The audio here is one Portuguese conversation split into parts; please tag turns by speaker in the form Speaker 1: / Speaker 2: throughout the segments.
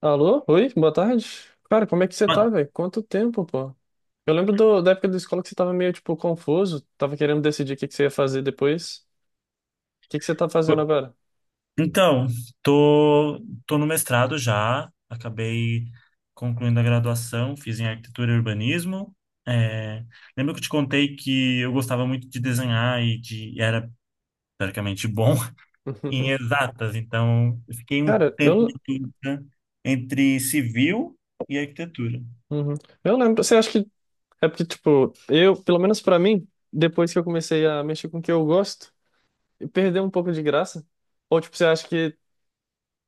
Speaker 1: Alô? Oi, boa tarde. Cara, como é que você
Speaker 2: Mas,
Speaker 1: tá, velho? Quanto tempo, pô? Eu lembro da época da escola que você tava meio, tipo, confuso, tava querendo decidir o que que você ia fazer depois. O que que você tá fazendo
Speaker 2: pô,
Speaker 1: agora?
Speaker 2: Então, tô, tô no mestrado já, acabei concluindo a graduação, fiz em arquitetura e urbanismo. É, Lembro que eu te contei que eu gostava muito de desenhar e de e era teoricamente bom em exatas, então eu fiquei um
Speaker 1: Cara,
Speaker 2: tempo de
Speaker 1: eu.
Speaker 2: dúvida entre civil e arquitetura.
Speaker 1: Uhum. Eu lembro. Você acha que é porque, tipo, eu, pelo menos pra mim, depois que eu comecei a mexer com o que eu gosto, e perdeu um pouco de graça. Ou, tipo, você acha que,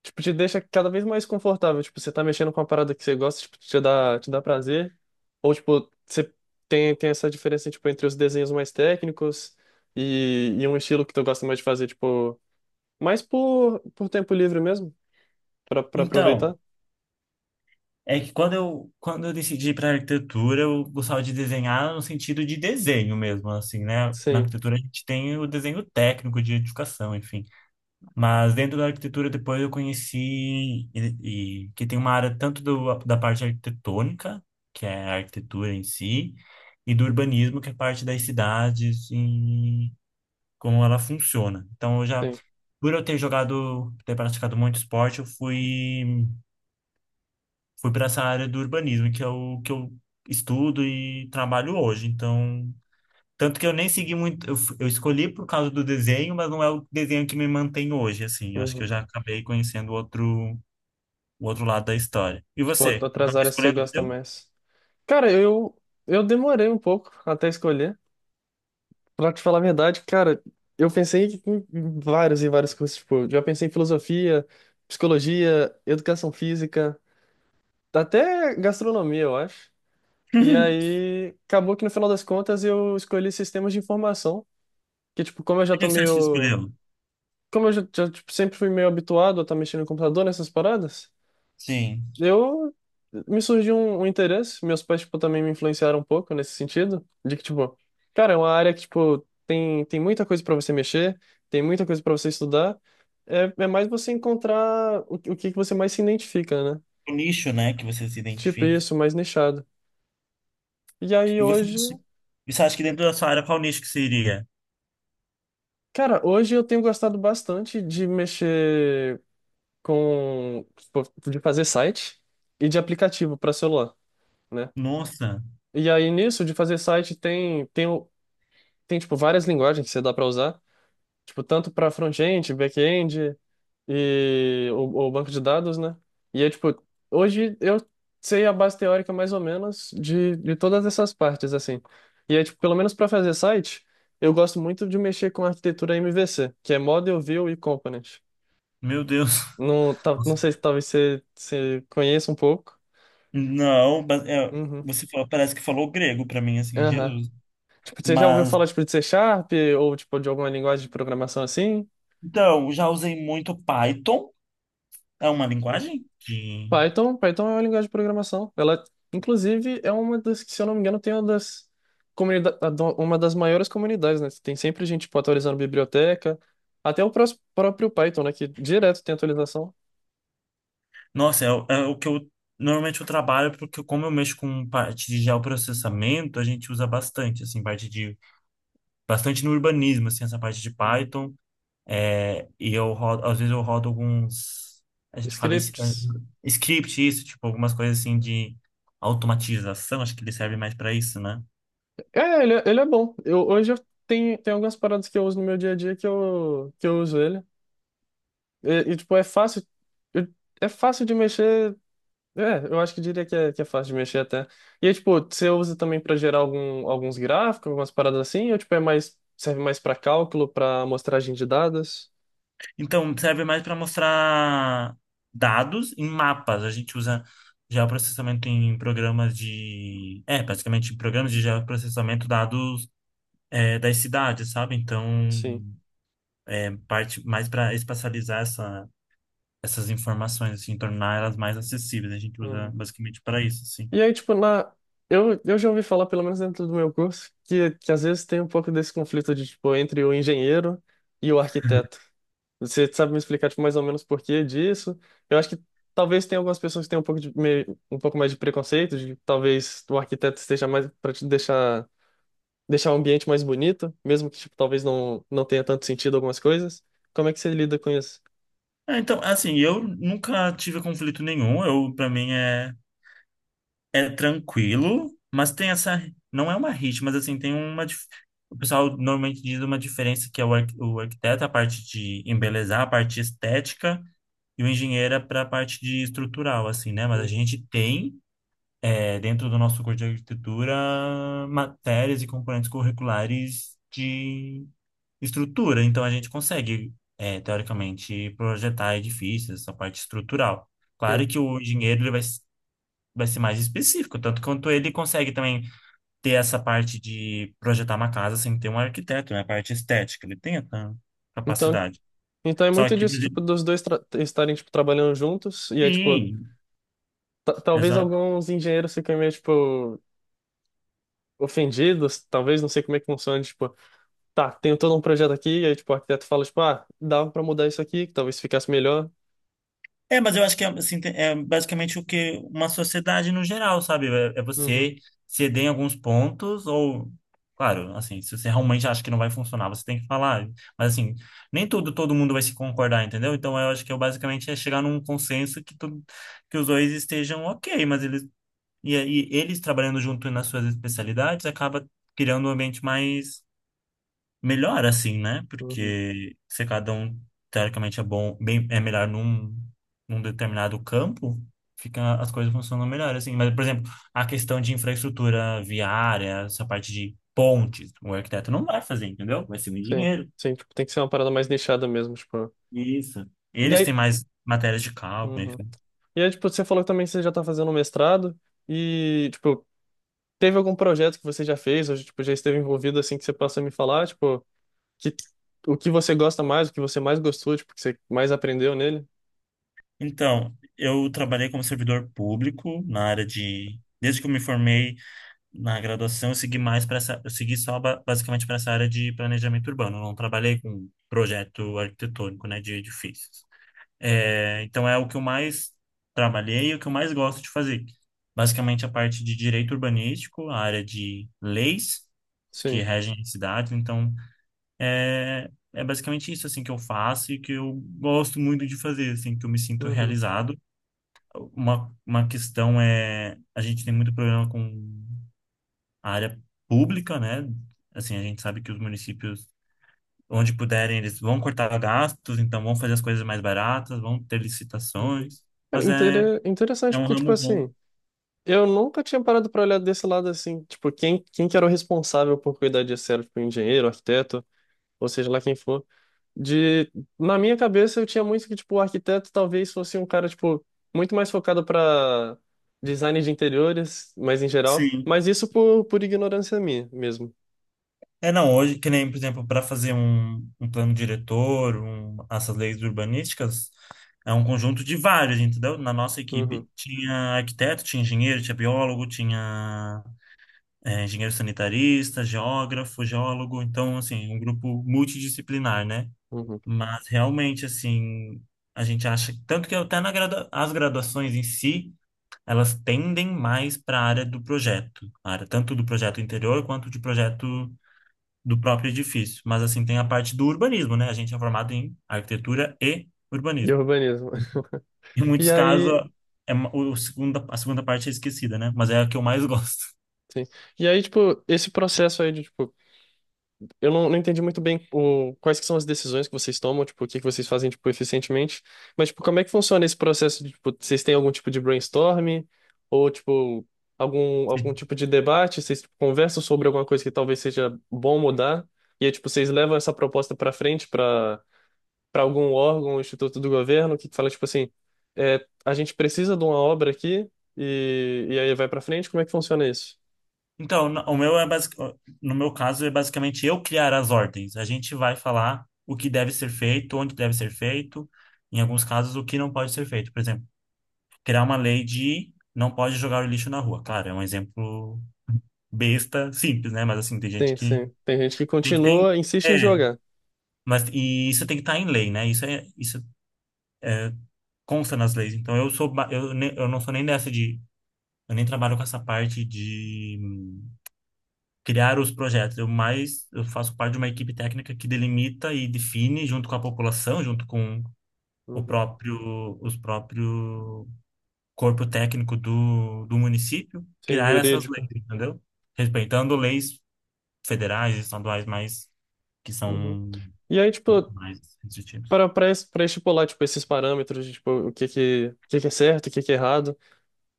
Speaker 1: tipo, te deixa cada vez mais confortável. Tipo, você tá mexendo com uma parada que você gosta, tipo, te dá prazer. Ou, tipo, você tem essa diferença, tipo, entre os desenhos mais técnicos e um estilo que tu gosta mais de fazer, tipo, mais por tempo livre mesmo, pra
Speaker 2: Então,
Speaker 1: aproveitar.
Speaker 2: é que quando eu decidi para arquitetura, eu gostava de desenhar no sentido de desenho mesmo, assim, né? Na
Speaker 1: Sim,
Speaker 2: arquitetura a gente tem o desenho técnico de educação enfim. Mas dentro da arquitetura depois eu conheci que tem uma área tanto da parte arquitetônica, que é a arquitetura em si, e do urbanismo, que é a parte das cidades e como ela funciona. Então eu já,
Speaker 1: sim.
Speaker 2: por eu ter jogado, ter praticado muito esporte, eu fui para essa área do urbanismo, que é o que eu estudo e trabalho hoje. Então, tanto que eu nem segui muito, eu escolhi por causa do desenho, mas não é o desenho que me mantém hoje, assim. Eu acho que eu
Speaker 1: Uhum.
Speaker 2: já acabei conhecendo o outro lado da história. E
Speaker 1: Tipo,
Speaker 2: você,
Speaker 1: outras
Speaker 2: acabou
Speaker 1: áreas que você
Speaker 2: escolhendo o
Speaker 1: gosta
Speaker 2: seu?
Speaker 1: mais. Cara, eu demorei um pouco até escolher. Pra te falar a verdade, cara, eu pensei em vários e vários cursos. Tipo, já pensei em filosofia, psicologia, educação física, até gastronomia, eu acho. E aí, acabou que no final das contas eu escolhi sistemas de informação. Que, tipo, como eu já
Speaker 2: Por que
Speaker 1: tô
Speaker 2: que você acha que
Speaker 1: meio.
Speaker 2: escolheu?
Speaker 1: Como eu tipo, sempre fui meio habituado a estar mexendo no computador nessas paradas.
Speaker 2: Sim.
Speaker 1: Eu me surgiu um interesse, meus pais tipo também me influenciaram um pouco nesse sentido, de que tipo, cara, é uma área que tipo tem muita coisa para você mexer, tem muita coisa para você estudar. É, é mais você encontrar o que que você mais se identifica, né?
Speaker 2: O nicho, né, que você se
Speaker 1: Tipo
Speaker 2: identifica.
Speaker 1: isso, mais nichado. E aí
Speaker 2: E você,
Speaker 1: hoje,
Speaker 2: e você acha que dentro da sua área, qual nicho que seria?
Speaker 1: cara, hoje eu tenho gostado bastante de mexer com tipo, de fazer site e de aplicativo para celular, né?
Speaker 2: Nossa,
Speaker 1: E aí nisso de fazer site tem tipo várias linguagens que você dá para usar, tipo tanto para front-end, back-end o banco de dados, né? E é tipo, hoje eu sei a base teórica mais ou menos de todas essas partes assim. E é tipo, pelo menos para fazer site, eu gosto muito de mexer com a arquitetura MVC, que é Model, View e Component.
Speaker 2: meu Deus.
Speaker 1: Não, tá, não sei se talvez você conheça um pouco.
Speaker 2: Não, é,
Speaker 1: Uhum.
Speaker 2: você falou, parece que falou grego para mim, assim,
Speaker 1: Aham.
Speaker 2: Jesus.
Speaker 1: Tipo, você já ouviu
Speaker 2: Mas
Speaker 1: falar tipo de C Sharp ou tipo de alguma linguagem de programação assim?
Speaker 2: então, já usei muito Python, é uma linguagem que,
Speaker 1: Python é uma linguagem de programação. Ela, inclusive, é uma das que, se eu não me engano, tem uma das comunidades, uma das maiores comunidades, né? Tem sempre gente, tipo, atualizando biblioteca, até o próprio Python, né? Que direto tem atualização.
Speaker 2: nossa, é o que eu normalmente eu trabalho, porque como eu mexo com parte de geoprocessamento, a gente usa bastante, assim, parte de, bastante no urbanismo, assim, essa parte de
Speaker 1: Uhum.
Speaker 2: Python, e às vezes eu rodo alguns, a gente fala
Speaker 1: Scripts.
Speaker 2: script, isso, tipo, algumas coisas assim de automatização, acho que ele serve mais para isso, né?
Speaker 1: É, ele, ele é bom. Eu, hoje eu tenho, tem algumas paradas que eu uso no meu dia a dia que eu uso ele. Tipo, é fácil. eu- É fácil de mexer. É, eu acho que diria que é fácil de mexer até. E aí, tipo, você usa também para gerar algum, alguns gráficos, algumas paradas assim, ou tipo, é mais, serve mais para cálculo, para amostragem de dados?
Speaker 2: Então, serve mais para mostrar dados em mapas. A gente usa geoprocessamento em programas de. É, basicamente em programas de geoprocessamento dados, das cidades, sabe? Então,
Speaker 1: Sim.
Speaker 2: é parte mais para espacializar essas informações, assim, tornar elas mais acessíveis. A gente usa
Speaker 1: Uhum.
Speaker 2: basicamente para isso, assim.
Speaker 1: E aí, tipo, na... eu já ouvi falar, pelo menos dentro do meu curso, que às vezes tem um pouco desse conflito de, tipo, entre o engenheiro e o arquiteto. Você sabe me explicar, tipo, mais ou menos por que disso? Eu acho que talvez tenha algumas pessoas que tenham um pouco de, meio, um pouco mais de preconceito, de que talvez o arquiteto esteja mais para te deixar, deixar o ambiente mais bonito, mesmo que, tipo, talvez não, não tenha tanto sentido algumas coisas. Como é que você lida com isso?
Speaker 2: É, então, assim, eu nunca tive conflito nenhum. Eu, para mim, é tranquilo, mas tem essa. Não é uma rixa, mas assim, tem uma, o pessoal normalmente diz uma diferença que é o arquiteto, a parte de embelezar, a parte estética, e o engenheiro é para a parte de estrutural, assim, né? Mas a
Speaker 1: Uhum.
Speaker 2: gente tem, dentro do nosso curso de arquitetura, matérias e componentes curriculares de estrutura, então a gente consegue, teoricamente, projetar edifícios, essa parte estrutural.
Speaker 1: Sim.
Speaker 2: Claro que o engenheiro ele vai ser mais específico. Tanto quanto ele consegue também ter essa parte de projetar uma casa sem ter um arquiteto, né? A parte estética, ele tem essa
Speaker 1: Então,
Speaker 2: capacidade.
Speaker 1: então é
Speaker 2: Só
Speaker 1: muito
Speaker 2: que, por
Speaker 1: disso, tipo,
Speaker 2: exemplo,
Speaker 1: dos dois estarem, tipo, trabalhando juntos, e é, tipo,
Speaker 2: sim,
Speaker 1: Talvez
Speaker 2: exato.
Speaker 1: alguns engenheiros fiquem meio, tipo, ofendidos, talvez, não sei como é que funciona, tipo, tá, tenho todo um projeto aqui, e aí, tipo, o arquiteto fala, tipo, ah, dava pra mudar isso aqui, que talvez ficasse melhor.
Speaker 2: É, mas eu acho que é, assim, é basicamente o que uma sociedade no geral, sabe? É, é
Speaker 1: Uhum,
Speaker 2: você ceder em alguns pontos ou. Claro, assim, se você realmente acha que não vai funcionar, você tem que falar. Mas, assim, nem tudo, todo mundo vai se concordar, entendeu? Então, eu acho que eu basicamente é chegar num consenso que, tu, que os dois estejam ok, mas eles. E aí, eles trabalhando junto nas suas especialidades, acaba criando um ambiente mais melhor, assim, né?
Speaker 1: uhum.
Speaker 2: Porque se cada um, teoricamente, é bom, bem, é melhor num determinado campo, fica, as coisas funcionam melhor, assim. Mas, por exemplo, a questão de infraestrutura viária, essa parte de pontes, o arquiteto não vai fazer, entendeu? Vai ser um
Speaker 1: Sim,
Speaker 2: engenheiro.
Speaker 1: sim, tipo, tem que ser uma parada mais nichada mesmo, tipo.
Speaker 2: Isso.
Speaker 1: E
Speaker 2: Eles têm
Speaker 1: aí,
Speaker 2: mais matérias de cálculo,
Speaker 1: uhum.
Speaker 2: enfim.
Speaker 1: E aí, tipo, você falou que também você já tá fazendo um mestrado, e, tipo, teve algum projeto que você já fez, ou, tipo, já esteve envolvido, assim, que você possa me falar, tipo, que, o que você gosta mais, o que você mais gostou, tipo, que você mais aprendeu nele?
Speaker 2: Então, eu trabalhei como servidor público na área de. Desde que eu me formei, na graduação eu segui mais para essa, eu segui só basicamente para essa área de planejamento urbano. Eu não trabalhei com projeto arquitetônico, né, de edifícios. É, então é o que eu mais trabalhei e o que eu mais gosto de fazer. Basicamente a parte de direito urbanístico, a área de leis que
Speaker 1: Sim.
Speaker 2: regem as cidades. Então é basicamente isso assim que eu faço e que eu gosto muito de fazer, assim, que eu me sinto
Speaker 1: Uhum.
Speaker 2: realizado. Uma questão é, a gente tem muito problema com a área pública, né? Assim, a gente sabe que os municípios, onde puderem, eles vão cortar gastos, então vão fazer as coisas mais baratas, vão ter
Speaker 1: Uhum.
Speaker 2: licitações,
Speaker 1: Cara,
Speaker 2: mas é, é
Speaker 1: interessante,
Speaker 2: um
Speaker 1: porque, tipo
Speaker 2: ramo bom.
Speaker 1: assim, eu nunca tinha parado pra olhar desse lado assim, tipo, quem que era o responsável por cuidar disso, era, tipo, engenheiro, arquiteto, ou seja lá quem for. De, na minha cabeça, eu tinha muito que, tipo, o arquiteto talvez fosse um cara, tipo, muito mais focado pra design de interiores, mas em geral,
Speaker 2: Sim.
Speaker 1: mas isso por ignorância minha mesmo.
Speaker 2: É, não, hoje, que nem, por exemplo, para fazer um, um plano diretor, um, essas leis urbanísticas, é um conjunto de vários, entendeu? Na nossa
Speaker 1: Uhum,
Speaker 2: equipe tinha arquiteto, tinha engenheiro, tinha biólogo, tinha, engenheiro sanitarista, geógrafo, geólogo, então, assim, um grupo multidisciplinar, né?
Speaker 1: uhum.
Speaker 2: Mas realmente, assim, a gente acha. Tanto que até na gradua, as graduações em si, elas tendem mais para a área do projeto. A área tanto do projeto interior quanto de projeto do próprio edifício. Mas, assim, tem a parte do urbanismo, né? A gente é formado em arquitetura e
Speaker 1: E
Speaker 2: urbanismo.
Speaker 1: urbanismo.
Speaker 2: Em
Speaker 1: E
Speaker 2: muitos casos,
Speaker 1: aí,
Speaker 2: é, é uma, o segunda, a segunda parte é esquecida, né? Mas é a que eu mais gosto.
Speaker 1: sim. E aí, tipo, esse processo aí de, tipo, eu não, não entendi muito bem o, quais que são as decisões que vocês tomam, tipo, o que que vocês fazem, tipo, eficientemente. Mas, tipo, como é que funciona esse processo de, tipo, vocês têm algum tipo de brainstorm? Ou, tipo, algum, algum tipo de debate? Vocês, tipo, conversam sobre alguma coisa que talvez seja bom mudar? E aí, tipo, vocês levam essa proposta para frente para algum órgão, instituto do governo, que fala, tipo assim, é, a gente precisa de uma obra aqui e aí vai para frente? Como é que funciona isso?
Speaker 2: Então, o meu é no meu caso é basicamente eu criar as ordens. A gente vai falar o que deve ser feito, onde deve ser feito, em alguns casos o que não pode ser feito. Por exemplo, criar uma lei de não pode jogar o lixo na rua. Claro, é um exemplo besta, simples, né? Mas assim, tem gente
Speaker 1: Sim,
Speaker 2: que
Speaker 1: sim. Tem gente que
Speaker 2: tem que tem
Speaker 1: continua, insiste em
Speaker 2: é,
Speaker 1: jogar.
Speaker 2: mas e isso tem que estar em lei, né? Isso consta nas leis. Então eu não sou nem dessa de, eu nem trabalho com essa parte de criar os projetos. Eu mais, eu faço parte de uma equipe técnica que delimita e define junto com a população, junto com o
Speaker 1: Uhum.
Speaker 2: próprio, os próprio corpo técnico do município,
Speaker 1: Sim,
Speaker 2: criar essas leis,
Speaker 1: jurídica.
Speaker 2: entendeu? Respeitando leis federais, estaduais, mais que
Speaker 1: Uhum.
Speaker 2: são
Speaker 1: E aí,
Speaker 2: ma-
Speaker 1: tipo,
Speaker 2: mais restritivas.
Speaker 1: para estipular, tipo, esses parâmetros, de, tipo, o que que é certo, o que que é errado,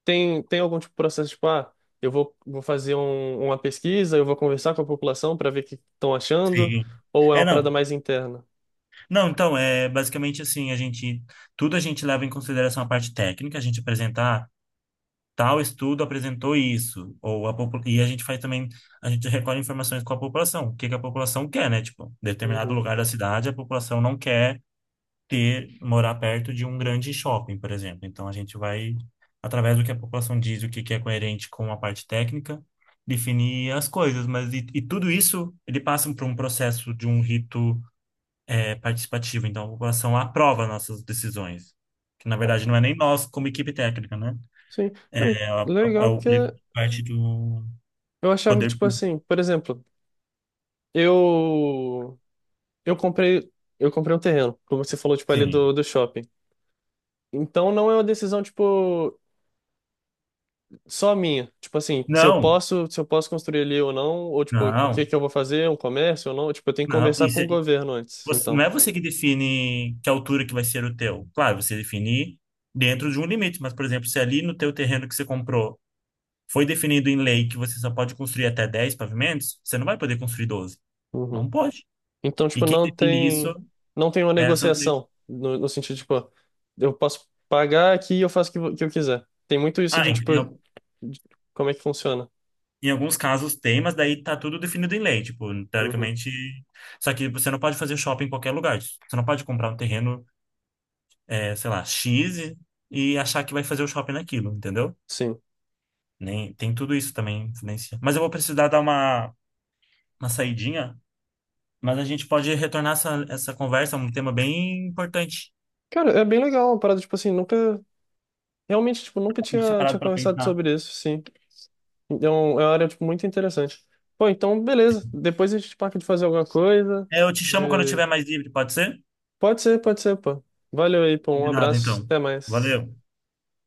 Speaker 1: tem, tem algum tipo de processo, tipo, ah, vou fazer um, uma pesquisa, eu vou conversar com a população para ver o que estão achando,
Speaker 2: Sim.
Speaker 1: ou é
Speaker 2: É,
Speaker 1: uma
Speaker 2: não.
Speaker 1: parada mais interna?
Speaker 2: Não, então, é basicamente assim, a gente, tudo a gente leva em consideração a parte técnica, a gente apresenta, ah, tal estudo apresentou isso, ou e a gente faz também, a gente recolhe informações com a população, o que que a população quer, né? Tipo, determinado
Speaker 1: Uhum.
Speaker 2: lugar da cidade, a população não quer ter, morar perto de um grande shopping, por exemplo. Então a gente vai, através do que a população diz, o que que é coerente com a parte técnica, definir as coisas, mas e tudo isso ele passa por um processo de um rito, participativo, então a população aprova nossas decisões, que na verdade não é nem nós como equipe técnica, né?
Speaker 1: Sim, cara,
Speaker 2: É, é
Speaker 1: legal,
Speaker 2: o
Speaker 1: porque
Speaker 2: livro de parte do
Speaker 1: eu achava que,
Speaker 2: poder
Speaker 1: tipo
Speaker 2: público.
Speaker 1: assim, por exemplo, eu, eu comprei, eu comprei um terreno, como você falou, tipo, ali
Speaker 2: Sim.
Speaker 1: do shopping. Então não é uma decisão, tipo. Só a minha. Tipo assim,
Speaker 2: Não,
Speaker 1: se eu posso construir ali ou não, ou tipo, o que
Speaker 2: não,
Speaker 1: que eu vou fazer, um comércio ou não, tipo, eu tenho que
Speaker 2: não.
Speaker 1: conversar com o governo antes,
Speaker 2: Você, não
Speaker 1: então.
Speaker 2: é você que define que altura que vai ser o teu. Claro, você define dentro de um limite, mas, por exemplo, se ali no teu terreno que você comprou foi definido em lei que você só pode construir até 10 pavimentos, você não vai poder construir 12.
Speaker 1: Uhum.
Speaker 2: Não pode.
Speaker 1: Então,
Speaker 2: E
Speaker 1: tipo,
Speaker 2: quem define isso
Speaker 1: não tem uma
Speaker 2: é essas leis.
Speaker 1: negociação no, no sentido, tipo, eu posso pagar aqui e eu faço o que, que eu quiser. Tem muito isso
Speaker 2: Ah,
Speaker 1: de,
Speaker 2: em,
Speaker 1: tipo, de como é que funciona.
Speaker 2: Em alguns casos tem, mas daí tá tudo definido em lei, tipo,
Speaker 1: Uhum.
Speaker 2: teoricamente. Só que você não pode fazer shopping em qualquer lugar. Você não pode comprar um terreno, é, sei lá, X e achar que vai fazer o shopping naquilo, entendeu?
Speaker 1: Sim.
Speaker 2: Nem, tem tudo isso também influencia. Mas eu vou precisar dar uma saidinha, mas a gente pode retornar essa conversa, é um tema bem importante.
Speaker 1: Cara, é bem legal uma parada, tipo assim, nunca, realmente, tipo, nunca
Speaker 2: Deixa
Speaker 1: tinha
Speaker 2: parado pra
Speaker 1: conversado
Speaker 2: pensar.
Speaker 1: sobre isso, sim. Então, é uma área, tipo, muito interessante. Pô, então, beleza. Depois a gente marca de fazer alguma coisa.
Speaker 2: É, eu te chamo quando eu
Speaker 1: de-
Speaker 2: tiver mais livre, pode ser?
Speaker 1: Pode ser, pô. Valeu aí, pô. Um
Speaker 2: Combinado,
Speaker 1: abraço.
Speaker 2: então.
Speaker 1: Até mais.
Speaker 2: Valeu.